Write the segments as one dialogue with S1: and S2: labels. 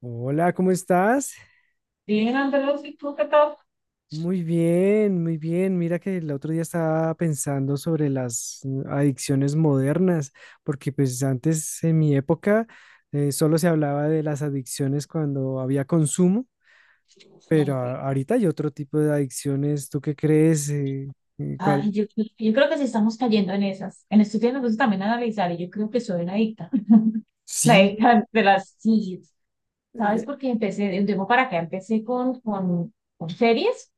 S1: Hola, ¿cómo estás?
S2: Bien, Andrés, ¿y tú qué tal?
S1: Muy bien, muy bien. Mira que el otro día estaba pensando sobre las adicciones modernas, porque pues antes en mi época solo se hablaba de las adicciones cuando había consumo, pero ahorita hay otro tipo de adicciones. ¿Tú qué crees? ¿Cuál?
S2: Ay, yo creo que sí estamos cayendo en esas. En estos días me gusta también analizar y yo creo que soy una adicta. Una
S1: Sí,
S2: adicta de las series. ¿Sabes?
S1: eh,
S2: Porque empecé de un tiempo para acá, empecé con series,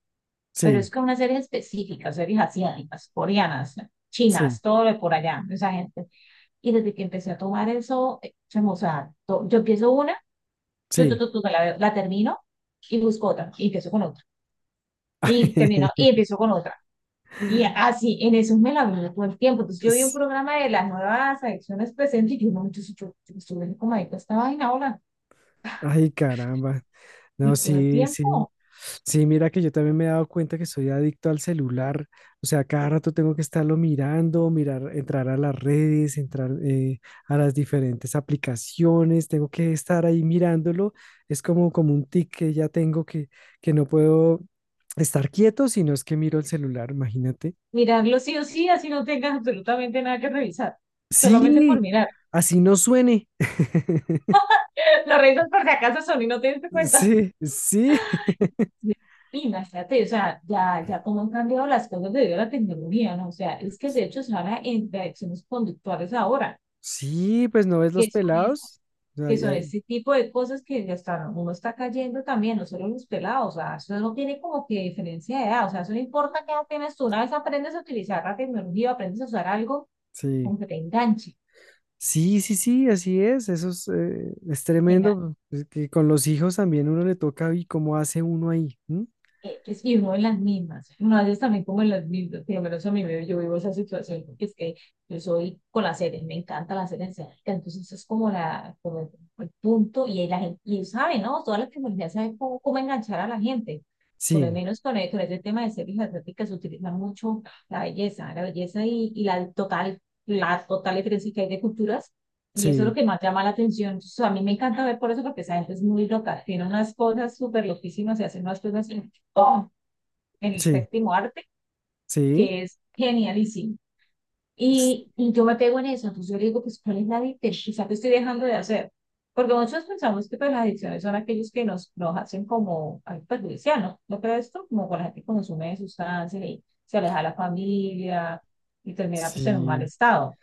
S2: pero es
S1: sí,
S2: con unas series específicas, series asiáticas, coreanas,
S1: sí,
S2: chinas, todo de por allá, esa gente. Y desde que empecé a tomar eso, o sea, yo empiezo una, yo, tu,
S1: sí.
S2: tu, tu, la termino y busco otra, y empiezo con otra, y termino, y empiezo con otra. Y así, en esos me la veo todo el tiempo. Entonces, yo vi un programa de las nuevas adicciones presentes y yo, no, yo estoy como adicta a esta vaina ahora,
S1: Ay, caramba. No,
S2: yo todo el
S1: sí, sí.
S2: tiempo.
S1: Sí, mira que yo también me he dado cuenta que soy adicto al celular. O sea, cada rato tengo que estarlo mirando, mirar, entrar a las redes, entrar a las diferentes aplicaciones. Tengo que estar ahí mirándolo. Es como un tic que ya tengo que no puedo estar quieto, sino es que miro el celular, imagínate.
S2: Mirarlo sí o sí, así no tengas absolutamente nada que revisar, solamente por
S1: Sí,
S2: mirar.
S1: así no suene.
S2: Lo revisas por si acaso son y no te diste cuenta.
S1: Sí, sí.
S2: Y- Imagínate, o sea, ya cómo han cambiado las cosas debido a la tecnología, ¿no? O sea, es que de hecho se habla en de adicciones conductuales ahora,
S1: Sí, pues no ves los
S2: que son esas
S1: pelados.
S2: que
S1: Ay,
S2: son
S1: ay,
S2: este tipo de cosas que ya está, uno está cayendo también, no solo los pelados, o sea, eso no tiene como que diferencia de edad, o sea, eso no importa qué edad tienes tú, una vez aprendes a utilizar la tecnología, aprendes a usar algo,
S1: sí.
S2: como que te enganche,
S1: Sí, sí, sí, así es. Eso es
S2: te enganche.
S1: tremendo. Pues, es que con los hijos también uno le toca y cómo hace uno ahí. ¿M?
S2: Es que vivo en las mismas, más es también como en las mismas, por lo menos a mí me, yo vivo esa situación, porque es que yo soy con las series, me encanta las series asiáticas, entonces eso es como, la, como el punto, y ahí la gente, y saben, ¿no? Todas las tecnologías saben cómo enganchar a la gente, por lo
S1: Sí,
S2: menos con, con este tema de series asiáticas se utiliza mucho la belleza y la total diferencia que hay de culturas, y eso es
S1: sí,
S2: lo que más llama la atención. Entonces, a mí me encanta ver por eso, porque esa gente es muy loca, tiene unas cosas súper loquísimas se hacen unas cosas oh, en el
S1: sí,
S2: séptimo arte,
S1: sí.
S2: que es genialísimo.
S1: s-
S2: Y yo me pego en eso, entonces yo le digo, pues, ¿cuál es la adicción? Quizá te estoy dejando de hacer. Porque muchos pensamos que pues, las adicciones son aquellos que nos hacen como algo perjudicial, ¿no? ¿No crees esto? Como con la gente que consume sustancias y se aleja de la familia y termina pues en un mal
S1: Sí.
S2: estado.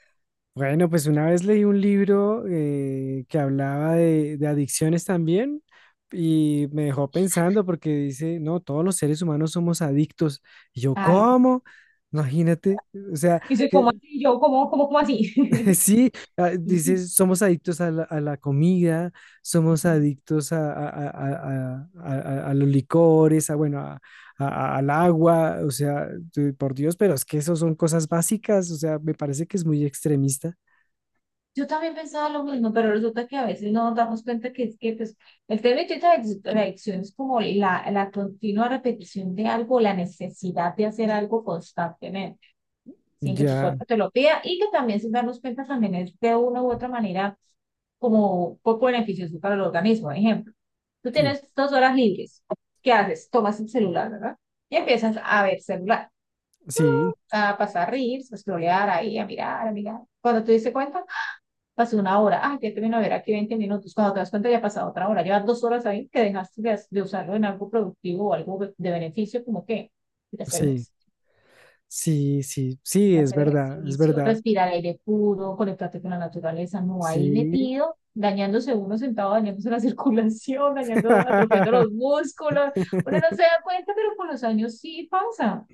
S1: Bueno, pues una vez leí un libro que hablaba de adicciones también y me dejó pensando porque dice, no, todos los seres humanos somos adictos. Y yo,
S2: Ay,
S1: ¿cómo? Imagínate, o sea,
S2: dice, ¿cómo
S1: que
S2: así? Yo, ¿cómo así?
S1: sí, ah, dices, somos adictos a a la comida, somos
S2: Sí.
S1: adictos a los licores, a, bueno, a- al agua, o sea, por Dios, pero es que eso son cosas básicas, o sea, me parece que es muy extremista.
S2: Yo también pensaba lo mismo, pero resulta que a veces no nos damos cuenta que es que pues, el tema de la adicción es como la continua repetición de algo, la necesidad de hacer algo constantemente, sin que tu
S1: Ya,
S2: cuerpo te lo pida y que también sin darnos cuenta también es de una u otra manera como poco beneficioso para el organismo. Por ejemplo, tú
S1: sí,
S2: tienes 2 horas libres, ¿qué haces? Tomas el celular, ¿verdad? Y empiezas a ver celular,
S1: sí,
S2: a pasar reels, a scrollear ahí, a mirar, a mirar. Cuando te diste cuenta, pasó una hora, ah, que termino de ver aquí 20 minutos, cuando te das cuenta ya ha pasado otra hora, llevas 2 horas ahí que dejaste de usarlo en algo productivo o algo de beneficio, como que hacer,
S1: sí,
S2: ejercicio,
S1: sí, sí, sí,
S2: hacer
S1: es
S2: ejercicio,
S1: verdad,
S2: respirar aire puro, conectarte con la naturaleza, no ahí
S1: sí.
S2: metido, dañándose uno sentado, dañándose la circulación, dañando, atrofiando los músculos, uno no se da cuenta, pero con los años sí pasa.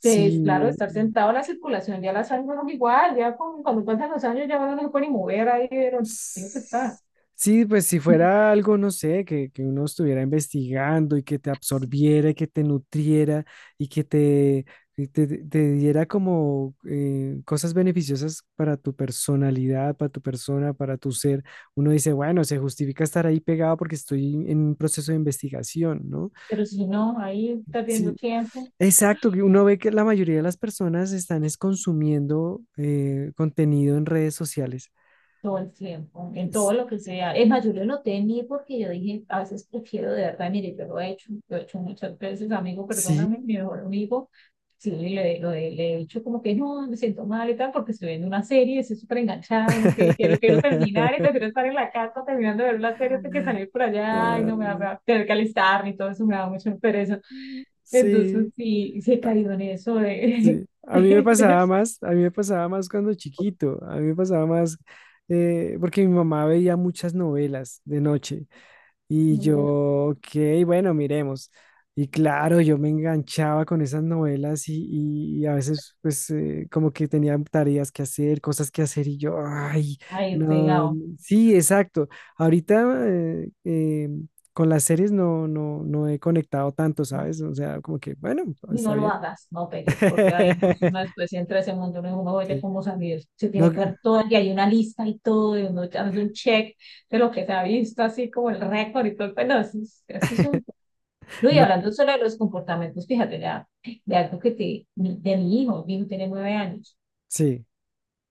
S1: Sí,
S2: Es claro, estar sentado, la circulación ya la sangre no es igual, ya con, cuando pasan los años ya uno no se puede ni mover ahí, pero siempre está.
S1: sí, pues si fuera algo, no sé, que uno estuviera investigando y que te absorbiera, y que te nutriera y que y te diera como cosas beneficiosas para tu personalidad, para tu persona, para tu ser, uno dice, bueno, se justifica estar ahí pegado porque estoy en un proceso de investigación, ¿no?
S2: Pero si no, ahí perdiendo
S1: Sí,
S2: tiempo,
S1: exacto, que uno ve que la mayoría de las personas están es consumiendo contenido en redes sociales.
S2: todo el tiempo, en todo
S1: S-
S2: lo que sea. Es más, yo lo noté en mí porque yo dije, a veces prefiero de verdad, mire, yo lo he hecho muchas veces, amigo, perdóname,
S1: Sí.
S2: mi mejor amigo, sí, le, lo he le he dicho como que no, me siento mal y tal, porque estoy viendo una serie, estoy súper enganchada y no quiero, quiero terminar y prefiero estar en la casa terminando de ver la serie hasta que salir por allá y no me va, me
S1: Ah,
S2: va a tener que alistarme y todo eso me da mucho pereza. Entonces,
S1: sí,
S2: sí, se
S1: ah,
S2: cayó en eso de...
S1: sí. A mí me
S2: de-
S1: pasaba más, a mí me pasaba más cuando chiquito, a mí me pasaba más porque mi mamá veía muchas novelas de noche. Y yo, ok, bueno, miremos. Y claro, yo me enganchaba con esas novelas y a veces pues como que tenía tareas que hacer, cosas que hacer y yo, ay,
S2: ahí
S1: no,
S2: pegado.
S1: sí, exacto. Ahorita con las series no he conectado tanto,
S2: Ajá.
S1: ¿sabes? O sea, como que, bueno,
S2: Y
S1: está
S2: no lo
S1: bien.
S2: hagas, no pegues, porque ahí no, si uno después entra a ese mundo, uno, dice, uno oye
S1: Sí.
S2: cómo salir, se
S1: No,
S2: tiene que ver todo, y hay una lista y todo, y uno hace un check de lo que se ha visto, así como el récord y todo, pero eso es un... No, y
S1: no,
S2: hablando solo de los comportamientos, fíjate, ya, de algo que te, de mi hijo tiene 9 años,
S1: sí,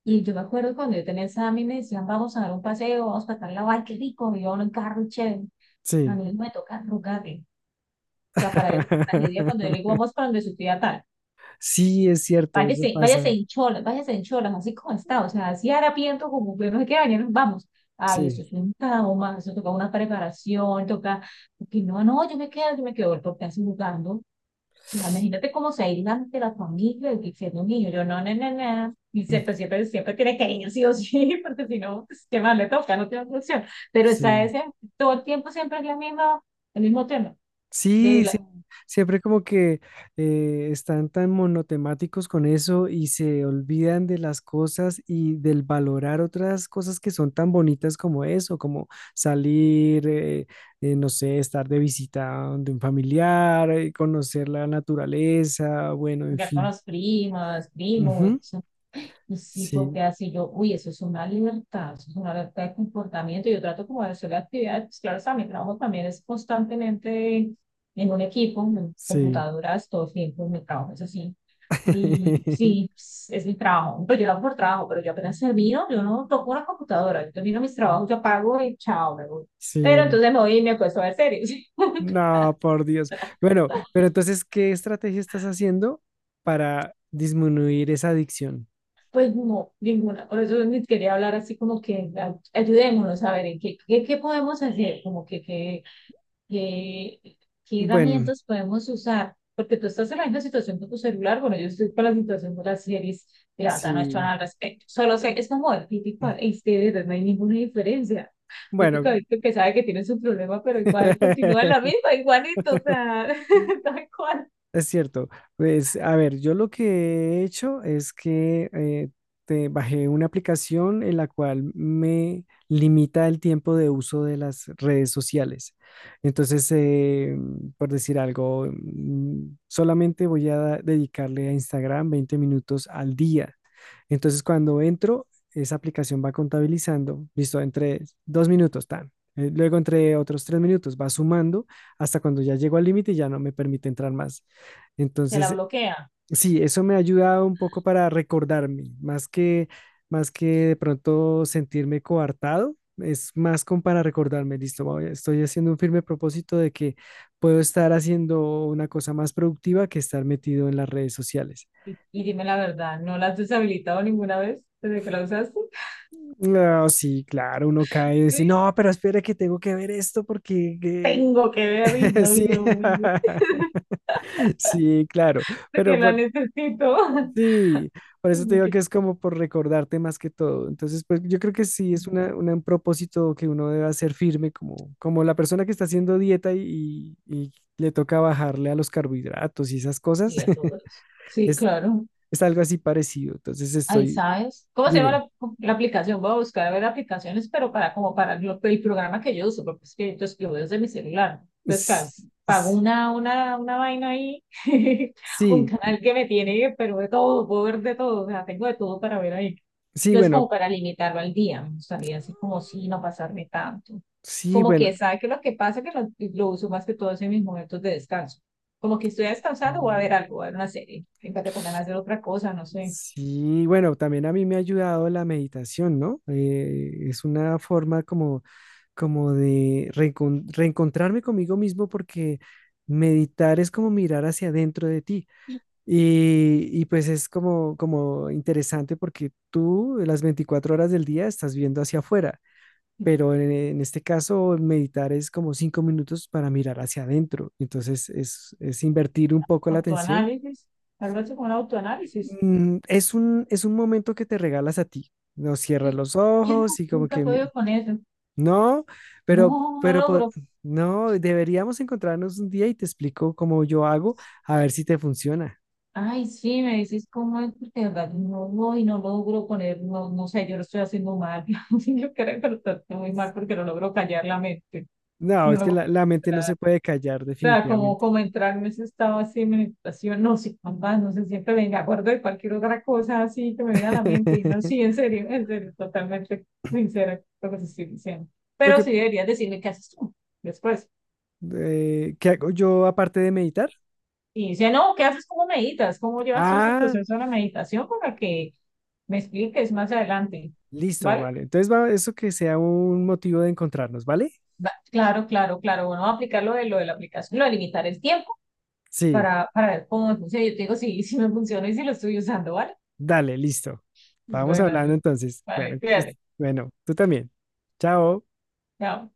S2: y yo me acuerdo cuando yo tenía examen, me decían, vamos a dar un paseo, vamos a tal la ay, qué rico, y yo en el carro, chévere, a
S1: sí.
S2: mí me toca rogarle, o sea, para ver una tragedia, cuando yo le digo, vamos para donde su tía tal,
S1: Sí, es cierto, eso
S2: váyase,
S1: pasa.
S2: váyase en cholas, así como está, o sea, así harapiento, como que no sé qué años, vamos. Ay, eso
S1: Sí.
S2: es un trauma, eso toca una preparación, toca, porque no, no, yo me quedo, porque así jugando. O sea, imagínate cómo se aíslan de la familia y siendo un niño, yo no, no, no, no. Y siempre, siempre, siempre tiene que ir, sí o sí, porque si no, pues, ¿qué más le toca? No tiene otra opción. Pero está
S1: Sí,
S2: ese, todo el tiempo siempre es la misma, el mismo tema de
S1: sí,
S2: la,
S1: sí, siempre como que están tan monotemáticos con eso y se olvidan de las cosas y del valorar otras cosas que son tan bonitas como eso, como salir, no sé, estar de visita de un familiar, conocer la naturaleza, bueno, en
S2: ya con
S1: fin.
S2: las primas, primos,
S1: Ujú,
S2: eso. Y sí,
S1: sí,
S2: porque así yo, uy, eso es una libertad, eso es una libertad de comportamiento, yo trato como de hacer la actividad, pues claro, o sea, mi trabajo también es constantemente en un equipo, en
S1: sí.
S2: computadoras, todo el tiempo, mi trabajo es así, y sí, pues, es mi trabajo, pero yo lo hago por trabajo, pero yo apenas termino, yo no toco una computadora, yo termino mis trabajos, yo apago y chao, me voy, pero
S1: Sí.
S2: entonces me voy y me acuesto a ver series.
S1: No, por Dios. Bueno, pero entonces, ¿qué estrategia estás haciendo para disminuir esa adicción?
S2: Pues no, ninguna. Por eso ni quería hablar así como que ayudémonos a ver en qué podemos hacer, como que qué, qué, qué
S1: Bueno,
S2: herramientas podemos usar. Porque tú estás en la misma situación con tu celular, bueno, yo estoy con la situación de las series, y la verdad no he hecho
S1: sí.
S2: nada al respecto. Solo sé, es como el típico este, de verdad, no hay ninguna diferencia.
S1: Bueno,
S2: Típico adicto que sabe que tiene su problema, pero igual continúa en la misma, igualito, o sea, tal cual.
S1: es cierto. Pues, a ver, yo lo que he hecho es que te bajé una aplicación en la cual me limita el tiempo de uso de las redes sociales. Entonces, por decir algo, solamente voy a dedicarle a Instagram 20 minutos al día. Entonces, cuando entro, esa aplicación va contabilizando, listo, entre 2 minutos, tan. Luego entre otros 3 minutos va sumando hasta cuando ya llego al límite y ya no me permite entrar más.
S2: Se la
S1: Entonces,
S2: bloquea.
S1: sí, eso me ha ayudado un poco para recordarme, más más que de pronto sentirme coartado, es más como para recordarme, listo, estoy haciendo un firme propósito de que puedo estar haciendo una cosa más productiva que estar metido en las redes sociales.
S2: Y dime la verdad, ¿no la has deshabilitado ninguna vez desde que la usaste?
S1: No, sí, claro, uno cae y dice,
S2: Sí.
S1: no, pero espera que tengo que ver esto porque que-".
S2: Tengo que ver y no,
S1: Sí,
S2: Dios mío,
S1: sí, claro,
S2: porque
S1: pero
S2: la
S1: por,
S2: necesito.
S1: sí, por
S2: Y
S1: eso te
S2: me
S1: digo
S2: quedé-
S1: que es como por recordarte más que todo. Entonces, pues yo creo que sí es un propósito que uno debe hacer firme, como la persona que está haciendo dieta y le toca bajarle a los carbohidratos y esas cosas,
S2: y a todos. Sí,
S1: es,
S2: claro.
S1: es algo así parecido. Entonces,
S2: Ahí
S1: estoy,
S2: sabes. ¿Cómo se llama
S1: dime,
S2: la aplicación? Voy a buscar a ver aplicaciones, pero para como para el programa que yo uso, porque es que entonces, lo veo desde mi celular. Entonces, claro,
S1: s-
S2: pago
S1: s-
S2: una vaina ahí, un
S1: sí,
S2: canal que me tiene, pero de todo, puedo ver de todo, o sea, tengo de todo para ver ahí.
S1: sí,
S2: Entonces, como
S1: bueno.
S2: para limitarlo al día, me gustaría así como sí, no pasarme tanto.
S1: Sí,
S2: Como que
S1: bueno,
S2: sabe que lo que pasa es que lo uso más que todo en mis momentos de descanso. Como que estoy descansando, voy a ver
S1: mm,
S2: algo, voy a ver una serie, fíjate con ganas de hacer otra cosa, no sé.
S1: sí, bueno, también a mí me ha ayudado la meditación, ¿no? Es una forma como, como de reencontrarme conmigo mismo porque meditar es como mirar hacia adentro de ti. Y pues es como, como interesante porque tú las 24 horas del día estás viendo hacia afuera, pero en este caso meditar es como 5 minutos para mirar hacia adentro. Entonces es invertir un poco la atención.
S2: Autoanálisis, algo así como un autoanálisis.
S1: Mm, es es un momento que te regalas a ti. No cierras
S2: Y
S1: los
S2: yo no,
S1: ojos y como
S2: nunca he
S1: que
S2: podido con eso.
S1: no, pero,
S2: No, no
S1: pero po-
S2: logro.
S1: no, deberíamos encontrarnos un día y te explico cómo yo hago, a ver si te funciona.
S2: Ay, sí, me decís cómo es, porque de verdad no voy, no logro poner, no, no sé, yo lo estoy haciendo mal. Yo creo que lo estoy haciendo muy mal porque no logro callar la mente.
S1: No,
S2: No
S1: es que
S2: logro.
S1: la mente no se puede callar
S2: O sea, como,
S1: definitivamente.
S2: como entrar en ese estado así de meditación, no sé, mamá no sé, siempre me acuerdo de cualquier otra cosa así que me viene a la mente. Y no, sí, en serio, totalmente sincera lo que te estoy diciendo.
S1: Lo
S2: Pero
S1: que,
S2: sí deberías decirme qué haces tú después.
S1: ¿qué hago yo aparte de meditar?
S2: Y dice, no, ¿qué haces? ¿Cómo meditas? ¿Cómo llevas todo ese
S1: Ah,
S2: proceso de la meditación para que me expliques más adelante?
S1: listo,
S2: ¿Vale?
S1: vale. Entonces va eso que sea un motivo de encontrarnos, ¿vale?
S2: Va- Claro, claro, claro. Bueno, vamos a aplicar lo de la aplicación, lo de limitar el tiempo
S1: Sí.
S2: para ver cómo me funciona. Yo te digo, sí, sí me funciona y si lo estoy usando, ¿vale?
S1: Dale, listo. Vamos
S2: Buenas
S1: hablando
S2: noches.
S1: entonces.
S2: Vale,
S1: Bueno, que,
S2: cuídate.
S1: bueno, tú también. Chao.
S2: Chao.